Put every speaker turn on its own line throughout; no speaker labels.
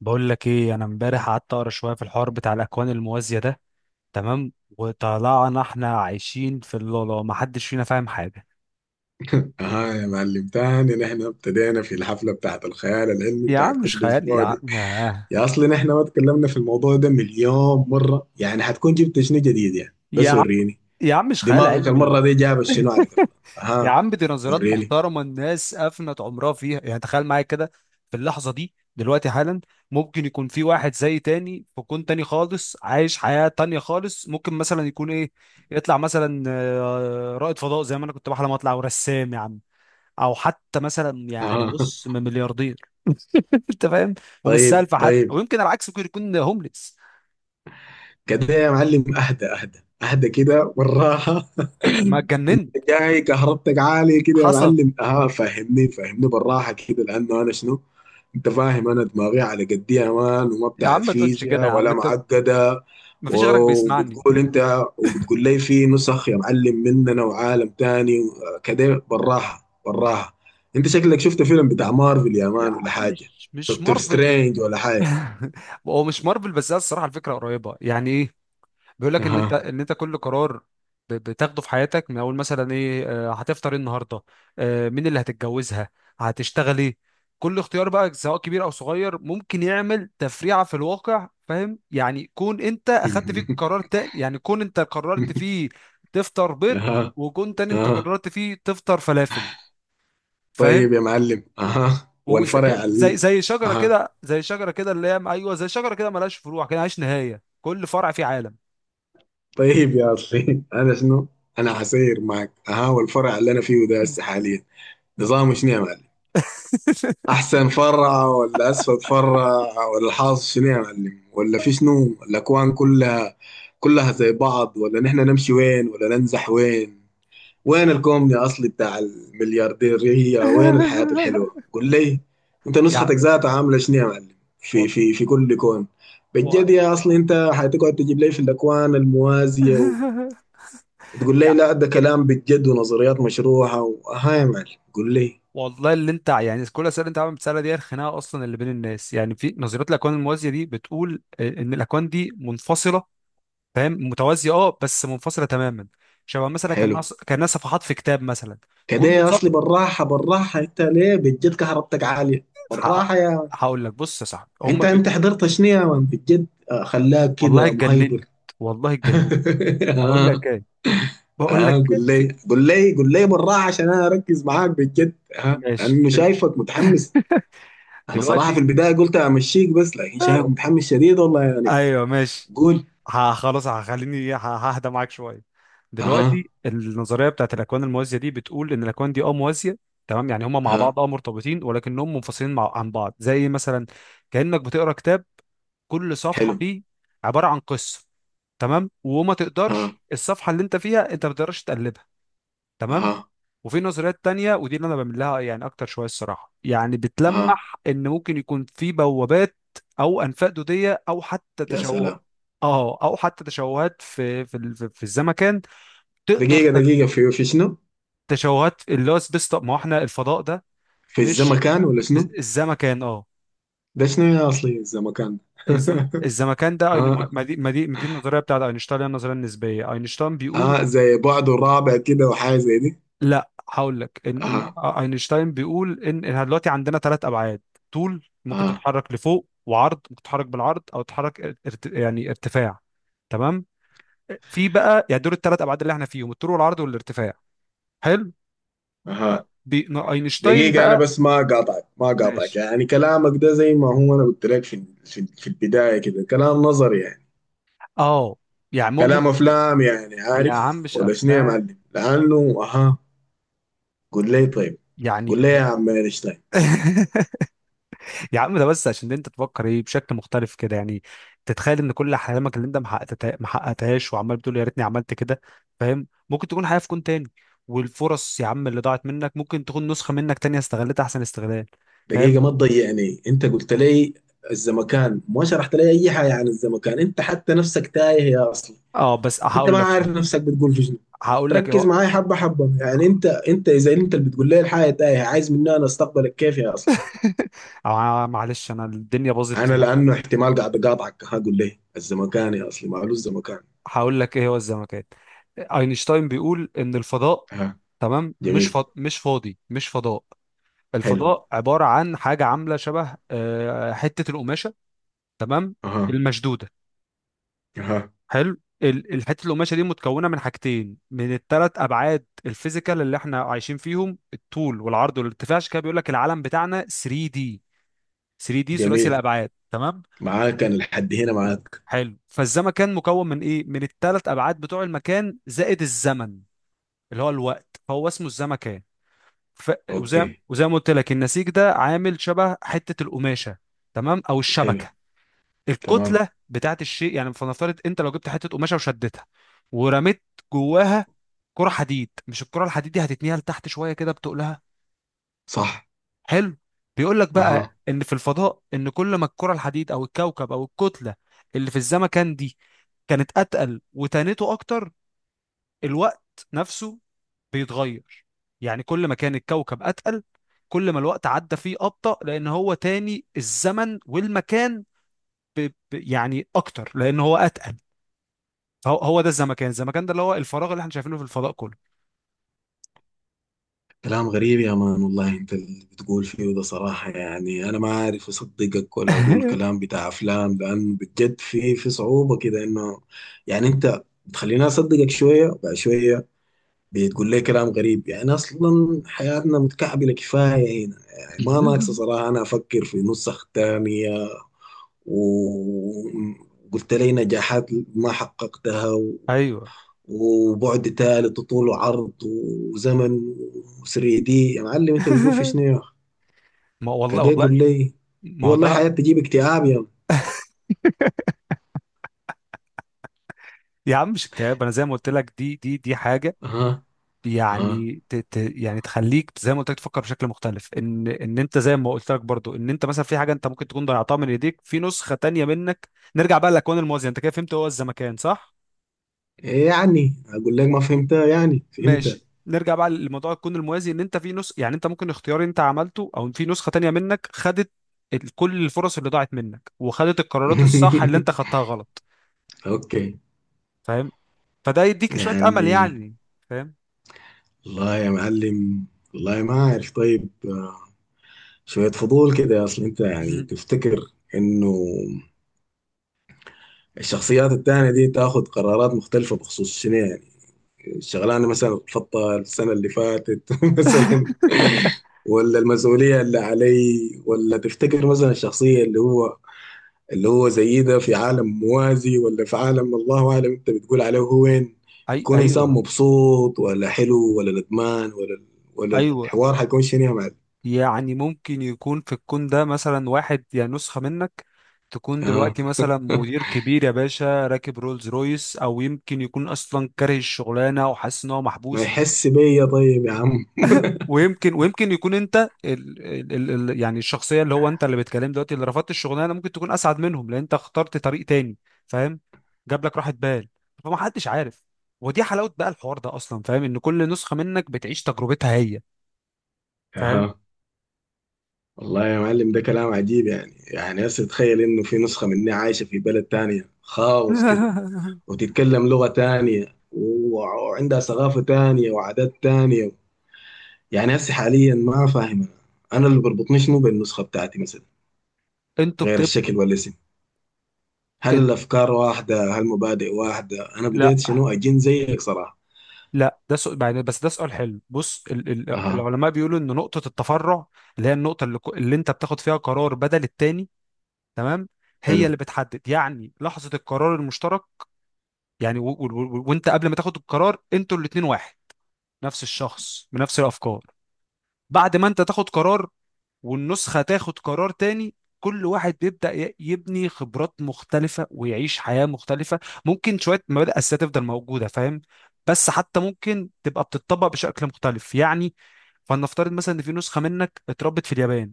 بقول لك ايه، انا امبارح قعدت اقرا شويه في الحوار بتاع الاكوان الموازيه ده. تمام. وطلعنا احنا عايشين في اللالا، ما حدش فينا فاهم حاجه.
اه يا معلم تاني، نحن ابتدينا في الحفلة بتاعت الخيال العلمي
يا
بتاعت
عم مش
كل
خيال، يا
اسبوع
عم
دي. يا اصلي، نحن ما اتكلمنا في الموضوع ده مليون مرة يعني، حتكون جبت شنو جديد يعني؟
يا
بس
عم
وريني،
يا عم مش خيال
دماغك
علمي
المرة دي جاب شنو، عليك الله؟
يا
اها،
عم دي نظريات
وريني.
محترمه، الناس افنت عمرها فيها. يعني تخيل معايا كده، في اللحظه دي دلوقتي حالا، ممكن يكون في واحد زي تاني في كون تاني خالص، عايش حياه تانيه خالص. ممكن مثلا يكون ايه، يطلع مثلا رائد فضاء زي ما انا كنت بحلم اطلع ورسام يا عم، او حتى مثلا يعني
اها.
بص من ملياردير. انت فاهم، ومش
طيب
سالفه حد، او
طيب،
يمكن العكس ممكن يكون هومليس.
كده يا معلم اهدى اهدى اهدى كده والراحة.
ما اتجننت.
جاي كهربتك عالية كده يا
حصل.
معلم. اه فهمني فهمني بالراحة كده، لأنه أنا شنو. أنت فاهم أنا دماغي على قدي يا مان، وما
يا
بتاعت
عم ما تقولش كده
فيزياء
يا عم،
ولا
انت
معقدة.
ما فيش غيرك بيسمعني.
وبتقول أنت، وبتقول لي في نسخ يا معلم مننا وعالم تاني. آه، كده بالراحة بالراحة. أنت شكلك شفت فيلم بتاع مارفل يا
يا
مان ولا
عم
حاجة؟
مش
دكتور
مارفل.
سترينج ولا حاجة؟
هو مش مارفل، بس هي الصراحه الفكره قريبه. يعني ايه، بيقول لك ان انت
أها.
كل قرار بتاخده في حياتك، من اول مثلا ايه، هتفطر ايه النهارده، مين اللي هتتجوزها، هتشتغل ايه. كل اختيار بقى، سواء كبير او صغير، ممكن يعمل تفريعه في الواقع. فاهم يعني؟ كون انت اخدت فيك قرار تاني، يعني كون انت قررت فيه تفطر بيض،
أها.
وكون تاني انت
أها.
قررت فيه تفطر فلافل. فاهم؟
طيب يا معلم، أها،
وزي ك-
والفرع
زي زي شجره
أها،
كده، زي شجره كده اللي هي، ايوه، زي شجره كده ملهاش فروع كده، ملهاش نهايه، كل فرع فيه عالم.
طيب يا اصلي انا شنو. انا حسير معك. ها، والفرع اللي انا فيه ده هسه حاليا نظامه شنو يا معلم؟ احسن فرع ولا اسفل فرع ولا الحاصل شنو يا معلم، ولا في شنو؟ الاكوان كلها، كلها زي بعض، ولا نحن نمشي وين، ولا ننزح وين؟ وين الكومن يا اصلي بتاع المليارديرية؟ وين الحياة الحلوة؟ قول لي. انت
يعني
نسختك ذاتها عاملة شنو يا معلم في
وال-
في في كل كون؟
و-
بجد يا اصلي، انت حتقعد تجيب لي في الاكوان الموازية تقول لي
يعني
لا ده كلام بجد ونظريات مشروحة وها يا معلم؟ قول لي.
والله اللي انت، يعني كل الاسئله اللي انت عم بتسالها دي، الخناقه اصلا اللي بين الناس. يعني في نظريه الاكوان الموازيه دي، بتقول ان الاكوان دي منفصله. فاهم؟ متوازيه، اه، بس منفصله تماما. شبه مثلا كان
حلو.
ناس كان ناس صفحات في كتاب مثلا.
كده
كل
يا
صفحه
اصلي بالراحة بالراحة. انت ليه بجد كهربتك عالية؟
حقق-
بالراحة يا مان.
هقول لك، بص يا صاحبي، هم
انت انت حضرت شنو يا مان بجد؟ آه، خلاك
والله
كده مهيبر.
اتجننت، والله اتجننت. اقول
اه.
لك ايه، بقول
اه
لك
قول
في...
لي قول لي قول لي بالراحة، عشان انا اركز معاك بجد. ها،
ماشي
لانه شايفك متحمس. انا صراحة في
دلوقتي.
البداية قلت امشيك بس، لكن شايفك متحمس شديد والله يعني.
ايوه ماشي.
قول.
خلاص، هخليني ههدى معاك شويه.
اها.
دلوقتي النظريه بتاعت الاكوان الموازيه دي بتقول ان الاكوان دي، اه، موازيه. تمام؟ يعني هما مع
اها
بعض، اه، مرتبطين ولكنهم منفصلين مع عن بعض. زي مثلا كانك بتقرا كتاب، كل صفحه
حلو.
فيه عباره عن قصه. تمام؟ وما
اها.
تقدرش الصفحه اللي انت فيها، انت ما تقدرش تقلبها. تمام.
اها.
وفي نظريات تانية، ودي اللي انا بعمل لها يعني اكتر شويه الصراحه، يعني
اها.
بتلمح ان ممكن يكون في بوابات او انفاق دوديه، او حتى
يا
تشوه
سلام.
اه او حتى تشوهات في في ال- في في الزمكان. تقدر
دقيقة
ت-
دقيقة، في شنو؟
تشوهات، اللي هو سبيس تايم. ما هو احنا الفضاء ده.
في
مش.
الزمكان ولا شنو؟
الزمكان، اه.
ده شنو يا أصلي الزمكان؟
الزمكان ده، أين-
اه.
ما دي ما دي ما دي النظريه بتاعت اينشتاين، اللي هي النظريه النسبيه. اينشتاين بيقول،
اه زي بعد الرابع كده وحاجة زي دي.
لا هقول لك إن إن
اها.
آه، اينشتاين بيقول ان إحنا دلوقتي عندنا ثلاث ابعاد. طول ممكن
اها.
تتحرك لفوق، وعرض ممكن تتحرك بالعرض، او تتحرك يعني ارتفاع. تمام؟ في بقى يعني دول الثلاث ابعاد اللي احنا فيهم، الطول والعرض والارتفاع. حلو.
اها.
اينشتاين
دقيقة، أنا
بقى،
بس ما قاطعك ما قاطعك
ماشي،
يعني كلامك ده زي ما هو، أنا قلت لك في البداية كده كلام نظري يعني.
اه، يعني
كلام أفلام يعني،
يا عم
عارف
مش
ولا شنو يا
افلام
معلم؟ لأنه اها. قول لي طيب.
يعني.
قول لي يا عم أينشتاين.
يا عم ده بس عشان انت تفكر ايه بشكل مختلف كده. يعني تتخيل ان كل احلامك اللي انت ما حققتهاش، وعمال بتقول يا ريتني عملت كده. فاهم؟ ممكن تكون حياة في كون تاني، والفرص يا عم اللي ضاعت منك ممكن تكون نسخة منك تانية استغلتها احسن استغلال. فاهم؟
دقيقة، ما تضيعني. انت قلت لي الزمكان، ما شرحت لي اي حاجة عن الزمكان، انت حتى نفسك تايه يا اصلا.
اه بس
انت
هقول
ما
لك،
عارف نفسك بتقول في شنو.
هقول لك ايه
ركز
هو.
معاي حبة حبة يعني. انت اذا انت اللي بتقول لي الحاجة تايه، عايز مني انا استقبلك كيف يا اصلا؟
معلش انا الدنيا باظت
انا
يعني.
لانه احتمال قاعد اقاطعك، هقول لي الزمكان يا اصلي، معلوش الزمكان.
هقول لك ايه هو الزمكان. اينشتاين بيقول ان الفضاء،
ها،
تمام، مش
جميل.
مش فاضي، مش فضاء.
حلو.
الفضاء عبارة عن حاجة عاملة شبه حتة القماشة، تمام،
اها.
المشدودة.
اها.
حلو. الحتة القماشة دي متكونة من حاجتين، من الثلاث أبعاد الفيزيكال اللي احنا عايشين فيهم، الطول والعرض والارتفاع. عشان كده بيقول لك العالم بتاعنا 3 دي. 3 دي، ثلاثي
جميل.
الأبعاد. تمام؟
معاك انا لحد هنا معاك.
حلو. فالزمكان مكون من ايه؟ من الثلاث أبعاد بتوع المكان، زائد الزمن اللي هو الوقت. فهو اسمه الزمكان. ف... وزي
اوكي.
وزي ما قلت لك، النسيج ده عامل شبه حتة القماشة، تمام، او
حلو.
الشبكة.
تمام.
الكتله بتاعت الشيء، يعني فلنفترض انت لو جبت حته قماشه وشدتها ورميت جواها كره حديد. مش الكره الحديد دي هتتنيها لتحت شويه كده، بتقلها.
صح.
حلو. بيقول لك
اها.
بقى ان في الفضاء، ان كل ما الكره الحديد او الكوكب او الكتله اللي في الزمكان دي كانت اتقل وتانته اكتر، الوقت نفسه بيتغير. يعني كل ما كان الكوكب اتقل، كل ما الوقت عدى فيه ابطأ، لان هو تاني الزمن والمكان ب... يعني اكتر، لان هو اتقل. هو هو ده الزمكان. الزمكان ده اللي هو الفراغ اللي احنا شايفينه في الفضاء كله.
كلام غريب يا مان والله، انت اللي بتقول فيه ده صراحة يعني، انا ما عارف اصدقك ولا اقول كلام بتاع افلام، لانه بجد في صعوبة كده انه. يعني انت بتخليني اصدقك شوية بعد شوية. بتقول لي كلام غريب يعني، اصلا حياتنا متكعبلة كفاية هنا يعني، ما ناقصة صراحة انا افكر في نسخ تانية. وقلت لي نجاحات ما حققتها،
ايوه.
وبعد ثالث وطول وعرض وزمن و3 دي، يا معلم انت بتقول في شنو يا اخي؟
ما والله،
كده
والله
يقول لي. اي
ما هو
والله حياة
ده.
تجيب اكتئاب يا م.
يا عم مش اكتئاب، انا زي ما قلت لك دي، دي حاجه
اها. اها
يعني ت ت يعني تخليك زي ما قلت لك تفكر بشكل مختلف، ان انت زي ما قلت لك برضو، ان انت مثلا في حاجه انت ممكن تكون ضيعتها من ايديك، في نسخه تانية منك. نرجع بقى للاكوان الموازيه. انت كده فهمت هو الزمكان، صح؟
ايه يعني؟ اقول لك ما فهمتها، يعني فهمتها.
ماشي. نرجع بقى لموضوع الكون الموازي، ان انت في نسخ، يعني انت ممكن اختيار انت عملته، او في نسخة تانية منك خدت كل الفرص اللي ضاعت منك، وخدت القرارات الصح اللي انت خدتها غلط.
اوكي.
فاهم؟ فده يديك شوية امل
يعني
يعني. فاهم؟
والله يا معلم، والله ما عارف طيب. شوية فضول كده، اصل انت يعني
مهم.
تفتكر انه الشخصيات التانية دي تاخد قرارات مختلفة بخصوص شنو يعني؟ الشغلانه مثلا اترفضتها السنه اللي فاتت مثلا؟ ولا المسؤوليه اللي علي؟ ولا تفتكر مثلا الشخصيه اللي هو، اللي هو زي ده، في عالم موازي ولا في عالم الله اعلم انت بتقول عليه هو وين،
اي
يكون انسان
ايوه.
مبسوط ولا حلو ولا ندمان، ولا ولا
ايوه،
الحوار حيكون شنو يا معلم؟
يعني ممكن يكون في الكون ده مثلا واحد يا نسخة منك، تكون
اه،
دلوقتي مثلا مدير كبير يا باشا، راكب رولز رويس، او يمكن يكون اصلا كاره الشغلانه وحاسس ان هو
ما
محبوس.
يحس بيا طيب يا عم.
ويمكن يكون انت ال ال ال يعني الشخصيه اللي هو انت، اللي بتكلم دلوقتي، اللي رفضت الشغلانه، ممكن تكون اسعد منهم لان انت اخترت طريق تاني. فاهم؟ جاب لك راحه بال، فما حدش عارف. ودي حلاوه بقى الحوار ده اصلا، فاهم؟ ان كل نسخه منك بتعيش تجربتها هي. فاهم؟
اها. والله يا معلم ده كلام عجيب يعني. يعني هسه تخيل انه في نسخة مني عايشة في بلد تانية خالص كده، وتتكلم لغة تانية وعندها ثقافة تانية وعادات تانية. يعني هسه حاليا ما فاهم، أنا اللي بربطني شنو بالنسخة بتاعتي مثلا،
انتوا
غير
بتبقى
الشكل والاسم؟ هل
انت...
الافكار واحدة؟ هل المبادئ واحدة؟ انا
لا،
بديت شنو، اجن زيك صراحة.
لا، ده سؤال يعني، بس ده سؤال حلو. بص،
اها.
العلماء بيقولوا ان نقطه التفرع، اللي هي النقطه اللي انت بتاخد فيها قرار بدل التاني، تمام، هي
حلو.
اللي بتحدد يعني لحظه القرار المشترك. يعني وانت قبل ما تاخد القرار، انتوا الاتنين واحد، نفس الشخص بنفس الافكار. بعد ما انت تاخد قرار والنسخه تاخد قرار تاني، كل واحد بيبدا يبني خبرات مختلفه ويعيش حياه مختلفه. ممكن شويه مبادئ اساسيه تفضل موجوده، فاهم؟ بس حتى ممكن تبقى بتطبق بشكل مختلف يعني. فلنفترض مثلا ان في نسخه منك اتربت في اليابان،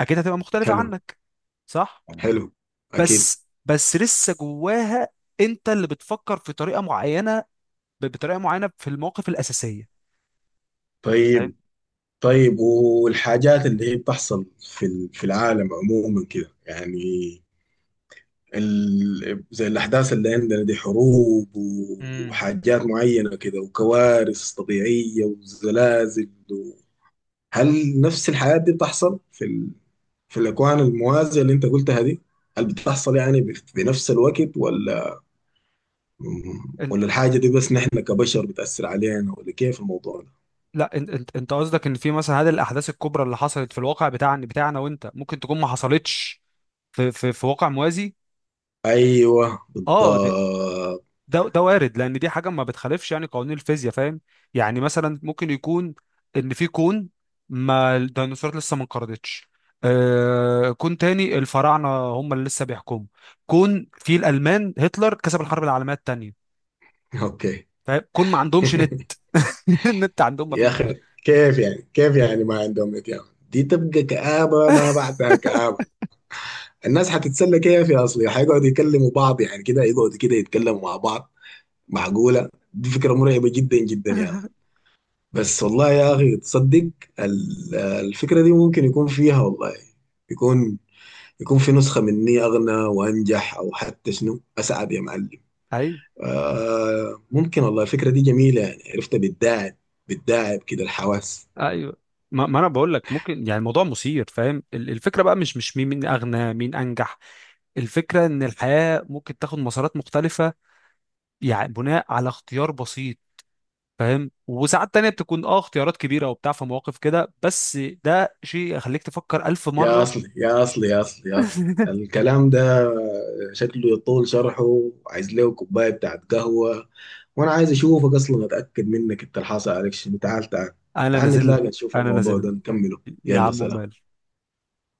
اكيد هتبقى مختلفه
حلو.
عنك، صح؟
حلو. اكيد.
بس لسه جواها انت اللي بتفكر في طريقه معينه، بطريقه معينه في المواقف الاساسيه. فاهم؟
طيب. طيب، والحاجات اللي هي بتحصل في في العالم عموما كده يعني، زي الأحداث اللي عندنا دي، حروب
امم
وحاجات معينة كده وكوارث طبيعية وزلازل هل نفس الحاجات دي بتحصل في في الأكوان الموازية اللي أنت قلتها دي؟ هل بتحصل يعني بنفس الوقت، ولا
انت،
ولا الحاجة دي بس نحن كبشر بتأثر علينا، ولا كيف الموضوع ده؟
لا، انت انت قصدك ان في مثلا هذه الاحداث الكبرى اللي حصلت في الواقع بتاعنا، وانت ممكن تكون ما حصلتش في في واقع موازي.
أيوه
اه، ده،
بالضبط.
ده وارد، لان دي حاجه ما بتخالفش يعني قوانين الفيزياء. فاهم؟ يعني مثلا ممكن يكون ان في كون ما الديناصورات لسه ما انقرضتش، كون تاني الفراعنه هم اللي لسه بيحكموا، كون في الالمان هتلر كسب الحرب العالميه الثانيه.
أوكي.
فاهم؟ كون ما عندهمش النت، عندهم ما
يا
فيش.
أخي، كيف يعني؟ كيف يعني ما عندهم إتيان؟ دي تبقى كآبة ما بعدها كآبة. الناس هتتسلى كيف يا اصلي؟ هيقعدوا يكلموا بعض يعني كده، يقعدوا كده يتكلموا مع بعض؟ معقولة؟ دي فكرة مرعبة جدا جدا يعني. بس والله يا اخي، تصدق الفكرة دي ممكن يكون فيها والله، يكون يكون في نسخة مني اغنى وانجح او حتى شنو اسعد يا معلم؟
ايوه.
آه ممكن والله. الفكرة دي جميلة يعني، عرفتها بتداعب بتداعب كده الحواس.
ايوه ما انا بقول لك، ممكن يعني الموضوع مثير. فاهم؟ الفكره بقى مش مين مين اغنى، مين انجح. الفكره ان الحياه ممكن تاخد مسارات مختلفه، يعني بناء على اختيار بسيط. فاهم؟ وساعات تانية بتكون، اه، اختيارات كبيره وبتاع في مواقف كده، بس ده شيء يخليك تفكر الف
يا
مره.
أصلي يا أصلي يا أصلي يا أصلي، الكلام ده شكله يطول شرحه. عايز له كوباية بتاعت قهوة، وأنا عايز أشوفك أصلا أتأكد منك. أنت الحاصل عليك شنو؟ تعال تعال.
انا
تعال
نازل لك،
نتلاقى نشوف
انا
الموضوع
نازل
ده نكمله.
لك. يا
يلا
عم
سلام.
مال